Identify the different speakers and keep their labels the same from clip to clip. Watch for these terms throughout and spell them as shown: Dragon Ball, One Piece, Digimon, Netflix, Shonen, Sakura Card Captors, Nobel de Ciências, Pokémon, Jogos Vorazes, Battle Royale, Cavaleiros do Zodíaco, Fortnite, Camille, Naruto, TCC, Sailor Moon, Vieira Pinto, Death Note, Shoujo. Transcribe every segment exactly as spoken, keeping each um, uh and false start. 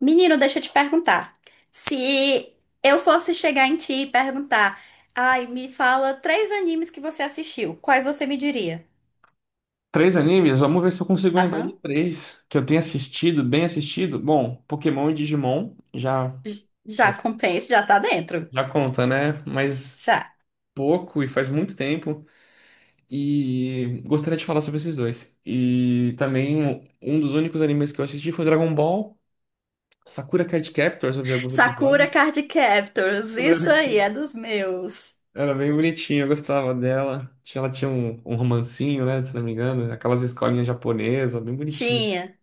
Speaker 1: Menino, deixa eu te perguntar. Se eu fosse chegar em ti e perguntar, ai, me fala três animes que você assistiu, quais você me diria?
Speaker 2: Três animes? Vamos ver se eu consigo lembrar de
Speaker 1: Aham,
Speaker 2: três que eu tenho assistido, bem assistido. Bom, Pokémon e Digimon já,
Speaker 1: já
Speaker 2: já,
Speaker 1: compensa, já tá dentro.
Speaker 2: já conta, né? Mas
Speaker 1: Já.
Speaker 2: pouco e faz muito tempo. E gostaria de falar sobre esses dois. E também um um dos únicos animes que eu assisti foi Dragon Ball, Sakura Card Captors, eu vi alguns
Speaker 1: Sakura
Speaker 2: episódios.
Speaker 1: Card Captors,
Speaker 2: Quando eu
Speaker 1: isso
Speaker 2: era
Speaker 1: aí, é
Speaker 2: criança.
Speaker 1: dos meus.
Speaker 2: Era bem bonitinha, eu gostava dela. Tinha- Ela tinha um, um romancinho, né? Se não me engano, aquelas escolinhas japonesas, bem bonitinho.
Speaker 1: Tinha.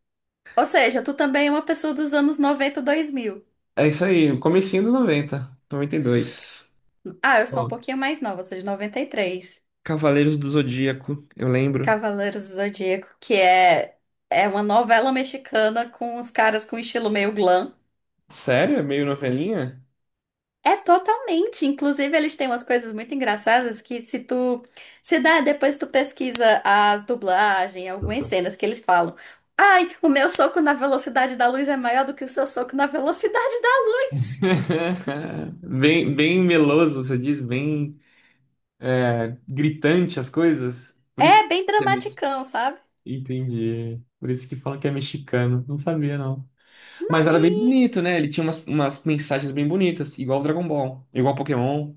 Speaker 1: Ou seja, tu também é uma pessoa dos anos noventa dois mil.
Speaker 2: É isso aí, comecinho dos noventa, noventa e dois.
Speaker 1: Ah, eu sou um
Speaker 2: Ó,
Speaker 1: pouquinho mais nova, eu sou de três.
Speaker 2: Cavaleiros do Zodíaco, eu lembro.
Speaker 1: Cavaleiros do Zodíaco, que é, é uma novela mexicana com os caras com estilo meio glam.
Speaker 2: Sério? É meio novelinha?
Speaker 1: É totalmente. Inclusive, eles têm umas coisas muito engraçadas que se tu se dá, depois tu pesquisa as dublagens, algumas cenas que eles falam. Ai, o meu soco na velocidade da luz é maior do que o seu soco na velocidade da.
Speaker 2: Bem, bem meloso, você diz, bem gritante as coisas. Por isso que
Speaker 1: É bem
Speaker 2: é mex-
Speaker 1: dramaticão, sabe?
Speaker 2: entendi. Por isso que falam que é mexicano. Não sabia, não. Mas
Speaker 1: Não,
Speaker 2: era bem
Speaker 1: e
Speaker 2: bonito, né? Ele tinha umas, umas mensagens bem bonitas, igual o Dragon Ball, igual Pokémon.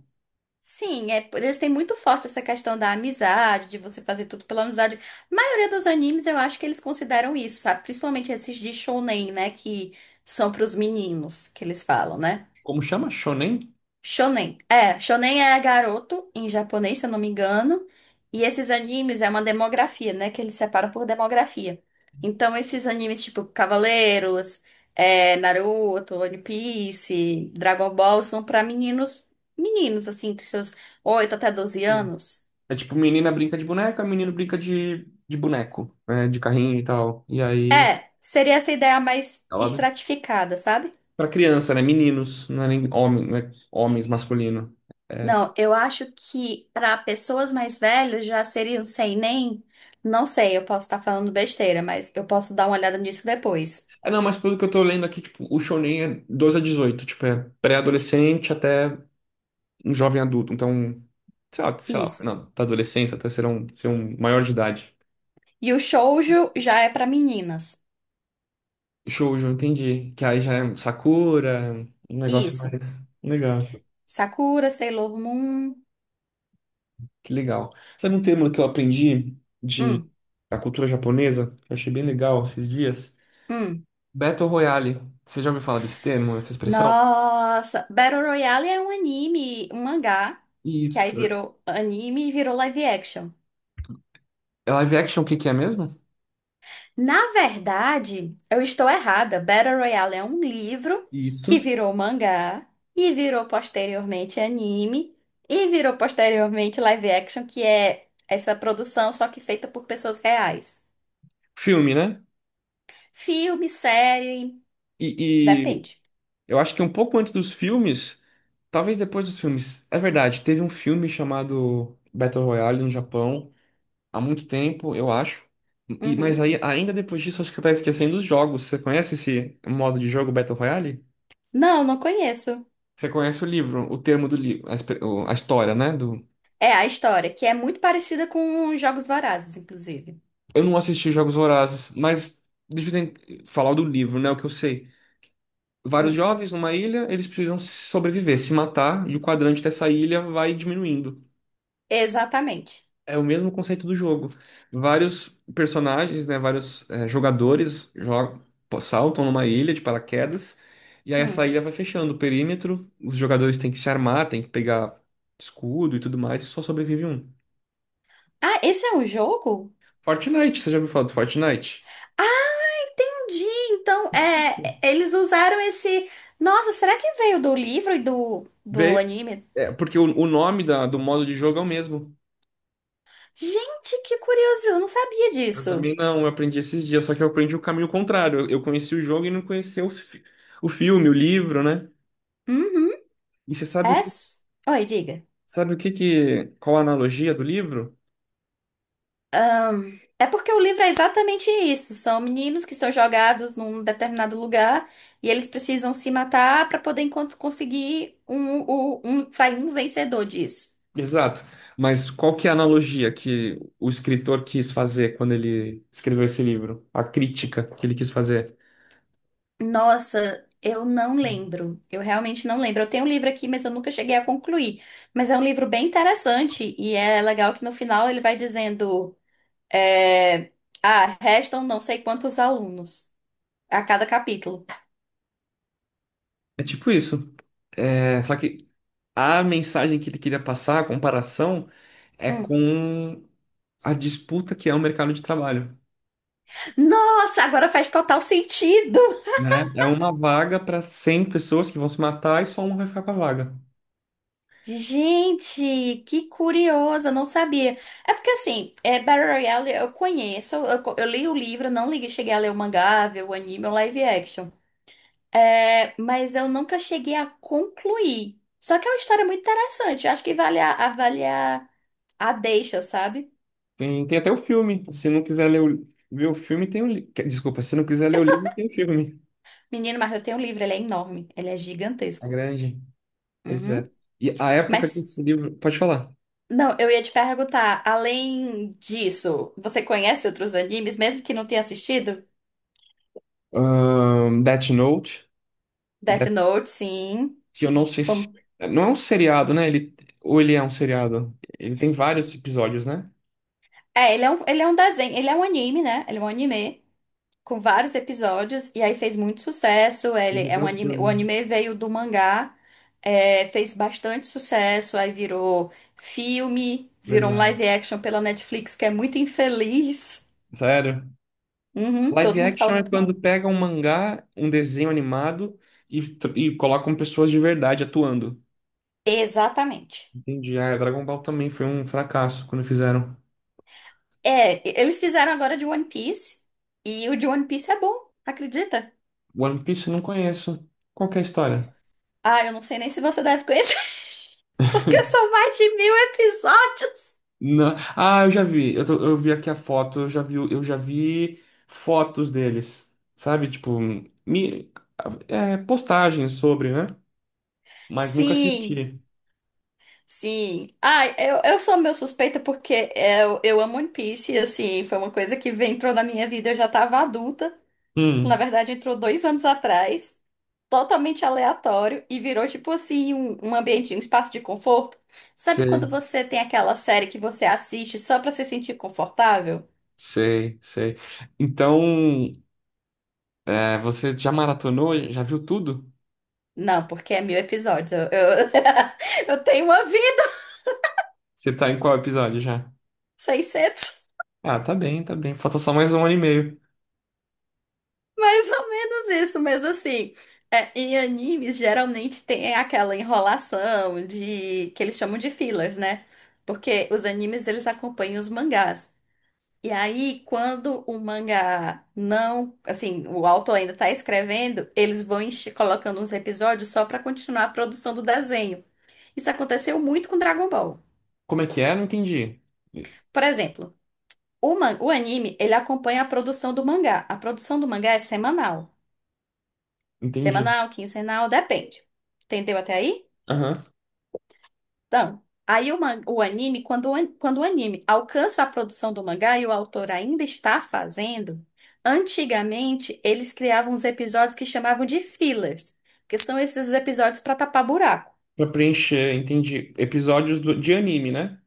Speaker 1: sim, é, eles têm muito forte essa questão da amizade, de você fazer tudo pela amizade. A maioria dos animes eu acho que eles consideram isso, sabe? Principalmente esses de shounen, né? Que são pros meninos que eles falam, né?
Speaker 2: Como chama? Shonen?
Speaker 1: Shonen. É, shonen é garoto em japonês, se eu não me engano. E esses animes é uma demografia, né? Que eles separam por demografia. Então, esses animes tipo Cavaleiros, é, Naruto, One Piece, Dragon Ball são pra meninos, meninos, assim, dos seus oito até doze anos.
Speaker 2: É tipo, menina brinca de boneca, menino brinca de, de boneco, né? De carrinho e tal. E aí,
Speaker 1: É, seria essa ideia mais
Speaker 2: ela,
Speaker 1: estratificada, sabe?
Speaker 2: pra criança, né? Meninos, não é nem homem, não é homens masculino. É,
Speaker 1: Não, eu acho que para pessoas mais velhas já seriam um sem nem. Não sei, eu posso estar falando besteira, mas eu posso dar uma olhada nisso depois.
Speaker 2: é, não, mas pelo que eu tô lendo aqui, tipo, o shounen é doze a dezoito, tipo, é pré-adolescente até um jovem adulto. Então, sei lá, sei lá,
Speaker 1: Isso.
Speaker 2: não, da adolescência até ser um, ser um maior de idade.
Speaker 1: E o shoujo já é para meninas.
Speaker 2: Shoujo, entendi. Que aí já é um Sakura, um negócio
Speaker 1: Isso.
Speaker 2: mais legal.
Speaker 1: Sakura, Sailor Moon.
Speaker 2: Que legal. Sabe um termo que eu aprendi de
Speaker 1: Hum,
Speaker 2: da cultura japonesa, que eu achei bem legal esses dias?
Speaker 1: hum.
Speaker 2: Battle Royale. Você já ouviu falar desse termo, dessa expressão?
Speaker 1: Nossa, Battle Royale é um anime, um mangá, que aí
Speaker 2: Isso.
Speaker 1: virou anime e virou live action.
Speaker 2: É live action, o que que é mesmo?
Speaker 1: Na verdade, eu estou errada. Battle Royale é um livro que
Speaker 2: Isso.
Speaker 1: virou mangá e virou posteriormente anime e virou posteriormente live action, que é essa produção só que feita por pessoas reais.
Speaker 2: Filme, né?
Speaker 1: Filme, série,
Speaker 2: E, e
Speaker 1: depende.
Speaker 2: eu acho que um pouco antes dos filmes, talvez depois dos filmes. É verdade, teve um filme chamado Battle Royale no Japão há muito tempo, eu acho. E, mas
Speaker 1: Uhum.
Speaker 2: aí, ainda depois disso, acho que você tá esquecendo os jogos. Você conhece esse modo de jogo Battle Royale?
Speaker 1: Não, não conheço.
Speaker 2: Você conhece o livro, o termo do livro, a, espe- o- a história, né? Do...
Speaker 1: É a história, que é muito parecida com Jogos Vorazes, inclusive.
Speaker 2: Eu não assisti Jogos Vorazes, mas deixa eu ten- falar do livro, né? O que eu sei. Vários
Speaker 1: Hum.
Speaker 2: jovens numa ilha, eles precisam sobreviver, se matar, e o quadrante dessa ilha vai diminuindo.
Speaker 1: Exatamente.
Speaker 2: É o mesmo conceito do jogo. Vários personagens, né? Vários eh, jogadores jogam, saltam numa ilha de paraquedas, e aí essa
Speaker 1: Hum.
Speaker 2: ilha vai fechando o perímetro, os jogadores têm que se armar, têm que pegar escudo e tudo mais, e só sobrevive um.
Speaker 1: Ah, esse é um jogo?
Speaker 2: Fortnite, você já ouviu falar do Fortnite?
Speaker 1: Ah, entendi. Então, é, eles usaram esse. Nossa, será que veio do livro e do, do
Speaker 2: Veio,
Speaker 1: anime?
Speaker 2: é, porque o, o nome da- do modo de jogo é o mesmo.
Speaker 1: Gente, que curioso! Eu não sabia
Speaker 2: Eu
Speaker 1: disso.
Speaker 2: também não, eu aprendi esses dias, só que eu aprendi o caminho contrário. Eu, eu conheci o jogo e não conhecia os fi- o filme, o livro, né?
Speaker 1: Uhum.
Speaker 2: E você
Speaker 1: É.
Speaker 2: sabe,
Speaker 1: s- Oi, diga.
Speaker 2: sabe o que que, qual a analogia do livro?
Speaker 1: Ah, é porque o livro é exatamente isso. São meninos que são jogados num determinado lugar e eles precisam se matar para poder encon- conseguir um, o- um, sair um vencedor disso.
Speaker 2: Exato. Mas qual que é a analogia que o escritor quis fazer quando ele escreveu esse livro? A crítica que ele quis fazer.
Speaker 1: Nossa, eu não lembro. Eu realmente não lembro. Eu tenho um livro aqui, mas eu nunca cheguei a concluir. Mas é um livro bem interessante e é legal que no final ele vai dizendo, é, ah, restam não sei quantos alunos a cada capítulo.
Speaker 2: É tipo isso. É, só que a mensagem que ele queria passar, a comparação, é
Speaker 1: Hum.
Speaker 2: com a disputa que é o mercado de trabalho,
Speaker 1: Nossa, agora faz total sentido.
Speaker 2: né? É Uhum. uma vaga para cem pessoas que vão se matar e só um vai ficar com a vaga.
Speaker 1: Gente, que curiosa, não sabia. É porque assim, é, Battle Royale eu conheço, eu, co- eu li o livro, não li, cheguei a ler o mangá, ver o anime, o live action. É, mas eu nunca cheguei a concluir. Só que é uma história muito interessante. Eu acho que vale a, avaliar a deixa, sabe?
Speaker 2: Tem, tem até o filme. Se não quiser ler o, ver o filme, tem o livro. Desculpa, se não quiser ler o livro, tem o filme.
Speaker 1: Menino, mas eu tenho um livro, ele é enorme, ele é
Speaker 2: A
Speaker 1: gigantesco.
Speaker 2: grande. Pois é.
Speaker 1: Uhum.
Speaker 2: E a época que
Speaker 1: Mas,
Speaker 2: esse livro. Pode falar.
Speaker 1: não, eu ia te perguntar, além disso, você conhece outros animes, mesmo que não tenha assistido?
Speaker 2: Ahn, Death Note,
Speaker 1: Death
Speaker 2: Death-
Speaker 1: Note, sim.
Speaker 2: que eu não sei se.
Speaker 1: Fom-
Speaker 2: Não é um seriado, né? Ele, ou ele é um seriado? Ele tem vários episódios, né?
Speaker 1: É, ele é um, ele é um desenho, ele é um anime, né? Ele é um anime com vários episódios, e aí fez muito sucesso. Ele
Speaker 2: Teve
Speaker 1: é
Speaker 2: até
Speaker 1: um
Speaker 2: o
Speaker 1: anime, o
Speaker 2: filme,
Speaker 1: anime veio do mangá, é, fez bastante sucesso, aí virou filme, virou um
Speaker 2: verdade.
Speaker 1: live action pela Netflix, que é muito infeliz.
Speaker 2: Sério?
Speaker 1: Uhum,
Speaker 2: Live
Speaker 1: todo mundo fala
Speaker 2: action é
Speaker 1: muito
Speaker 2: quando
Speaker 1: mal.
Speaker 2: pega um mangá, um desenho animado e, tr- e colocam pessoas de verdade atuando.
Speaker 1: Exatamente.
Speaker 2: Entendi. Ah, Dragon Ball também foi um fracasso quando fizeram.
Speaker 1: É, e- eles fizeram agora de One Piece, e o de One Piece é bom, acredita?
Speaker 2: One Piece eu não conheço. Qual que é a história?
Speaker 1: Ah, eu não sei nem se você deve conhecer, porque são mais de mil episódios.
Speaker 2: Não. Ah, eu já vi. Eu, tô- eu vi aqui a foto, eu já vi, o- eu já vi fotos deles. Sabe? Tipo, mi- é, postagens sobre, né? Mas nunca
Speaker 1: Sim.
Speaker 2: assisti.
Speaker 1: Sim. Ah, eu, eu sou meio suspeita porque eu, eu amo One Piece, e, assim, foi uma coisa que vem- entrou na minha vida, eu já tava adulta. Na
Speaker 2: Hum,
Speaker 1: verdade, entrou dois anos atrás, totalmente aleatório, e virou, tipo assim, um, um ambiente, um espaço de conforto. Sabe quando
Speaker 2: sei,
Speaker 1: você tem aquela série que você assiste só pra se sentir confortável?
Speaker 2: sei, sei. Então, é, você já maratonou? Já viu tudo?
Speaker 1: Não, porque é mil episódios. Eu, eu, eu tenho uma vida,
Speaker 2: Você tá em qual episódio já?
Speaker 1: seiscentos.
Speaker 2: Ah, tá bem, tá bem. Falta só mais um ano e meio.
Speaker 1: Mais ou menos isso, mas assim, é, em animes geralmente tem aquela enrolação de que eles chamam de fillers, né? Porque os animes eles acompanham os mangás. E aí, quando o mangá não, assim, o autor ainda tá escrevendo, eles vão enche- colocando uns episódios só pra continuar a produção do desenho. Isso aconteceu muito com Dragon Ball.
Speaker 2: Como é que é? Não entendi.
Speaker 1: Por exemplo, o, man- o anime, ele acompanha a produção do mangá. A produção do mangá é semanal.
Speaker 2: Entendi.
Speaker 1: Semanal, quinzenal, depende. Entendeu até aí?
Speaker 2: Aham.
Speaker 1: Então, aí o, man- o anime, quando o, an- quando o anime alcança a produção do mangá e o autor ainda está fazendo, antigamente eles criavam uns episódios que chamavam de fillers, que são esses episódios para tapar buraco
Speaker 2: Pra preencher, entendi. Episódios do- de anime, né?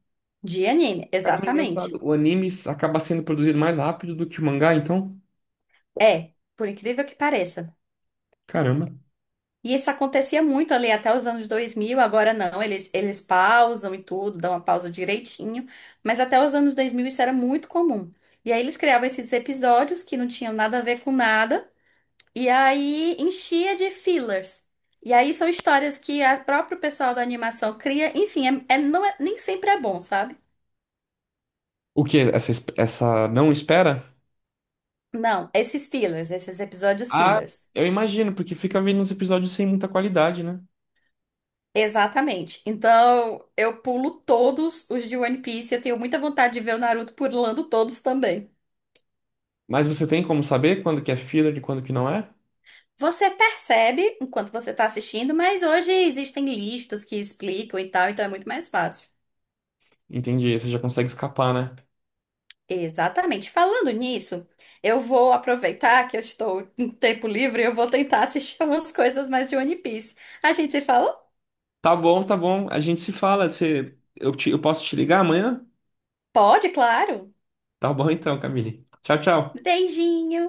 Speaker 1: de anime,
Speaker 2: Caramba, é
Speaker 1: exatamente.
Speaker 2: engraçado. O anime acaba sendo produzido mais rápido do que o mangá, então?
Speaker 1: É, por incrível que pareça.
Speaker 2: Caramba.
Speaker 1: E isso acontecia muito ali até os anos dois mil, agora não, eles, eles pausam e tudo, dão uma pausa direitinho, mas até os anos dois mil isso era muito comum. E aí eles criavam esses episódios que não tinham nada a ver com nada, e aí enchia de fillers. E aí são histórias que a próprio pessoal da animação cria, enfim, é, é- não é, nem sempre é bom, sabe?
Speaker 2: O quê? Essa, es- essa não espera?
Speaker 1: Não, esses fillers, esses episódios
Speaker 2: Ah,
Speaker 1: fillers.
Speaker 2: eu imagino, porque fica vendo uns episódios sem muita qualidade, né?
Speaker 1: Exatamente. Então, eu pulo todos os de One Piece. Eu tenho muita vontade de ver o Naruto pulando todos também.
Speaker 2: Mas você tem como saber quando que é filler e quando que não é?
Speaker 1: Você percebe enquanto você está assistindo, mas hoje existem listas que explicam e tal, então é muito mais fácil.
Speaker 2: Entendi, você já consegue escapar, né?
Speaker 1: Exatamente. Falando nisso, eu vou aproveitar que eu estou em tempo livre e eu vou tentar assistir umas coisas mais de One Piece. A gente se fala?
Speaker 2: Tá bom, tá bom. A gente se fala. Você, eu, te- eu posso te ligar amanhã?
Speaker 1: Pode, claro.
Speaker 2: Tá bom então, Camille. Tchau, tchau.
Speaker 1: Beijinho.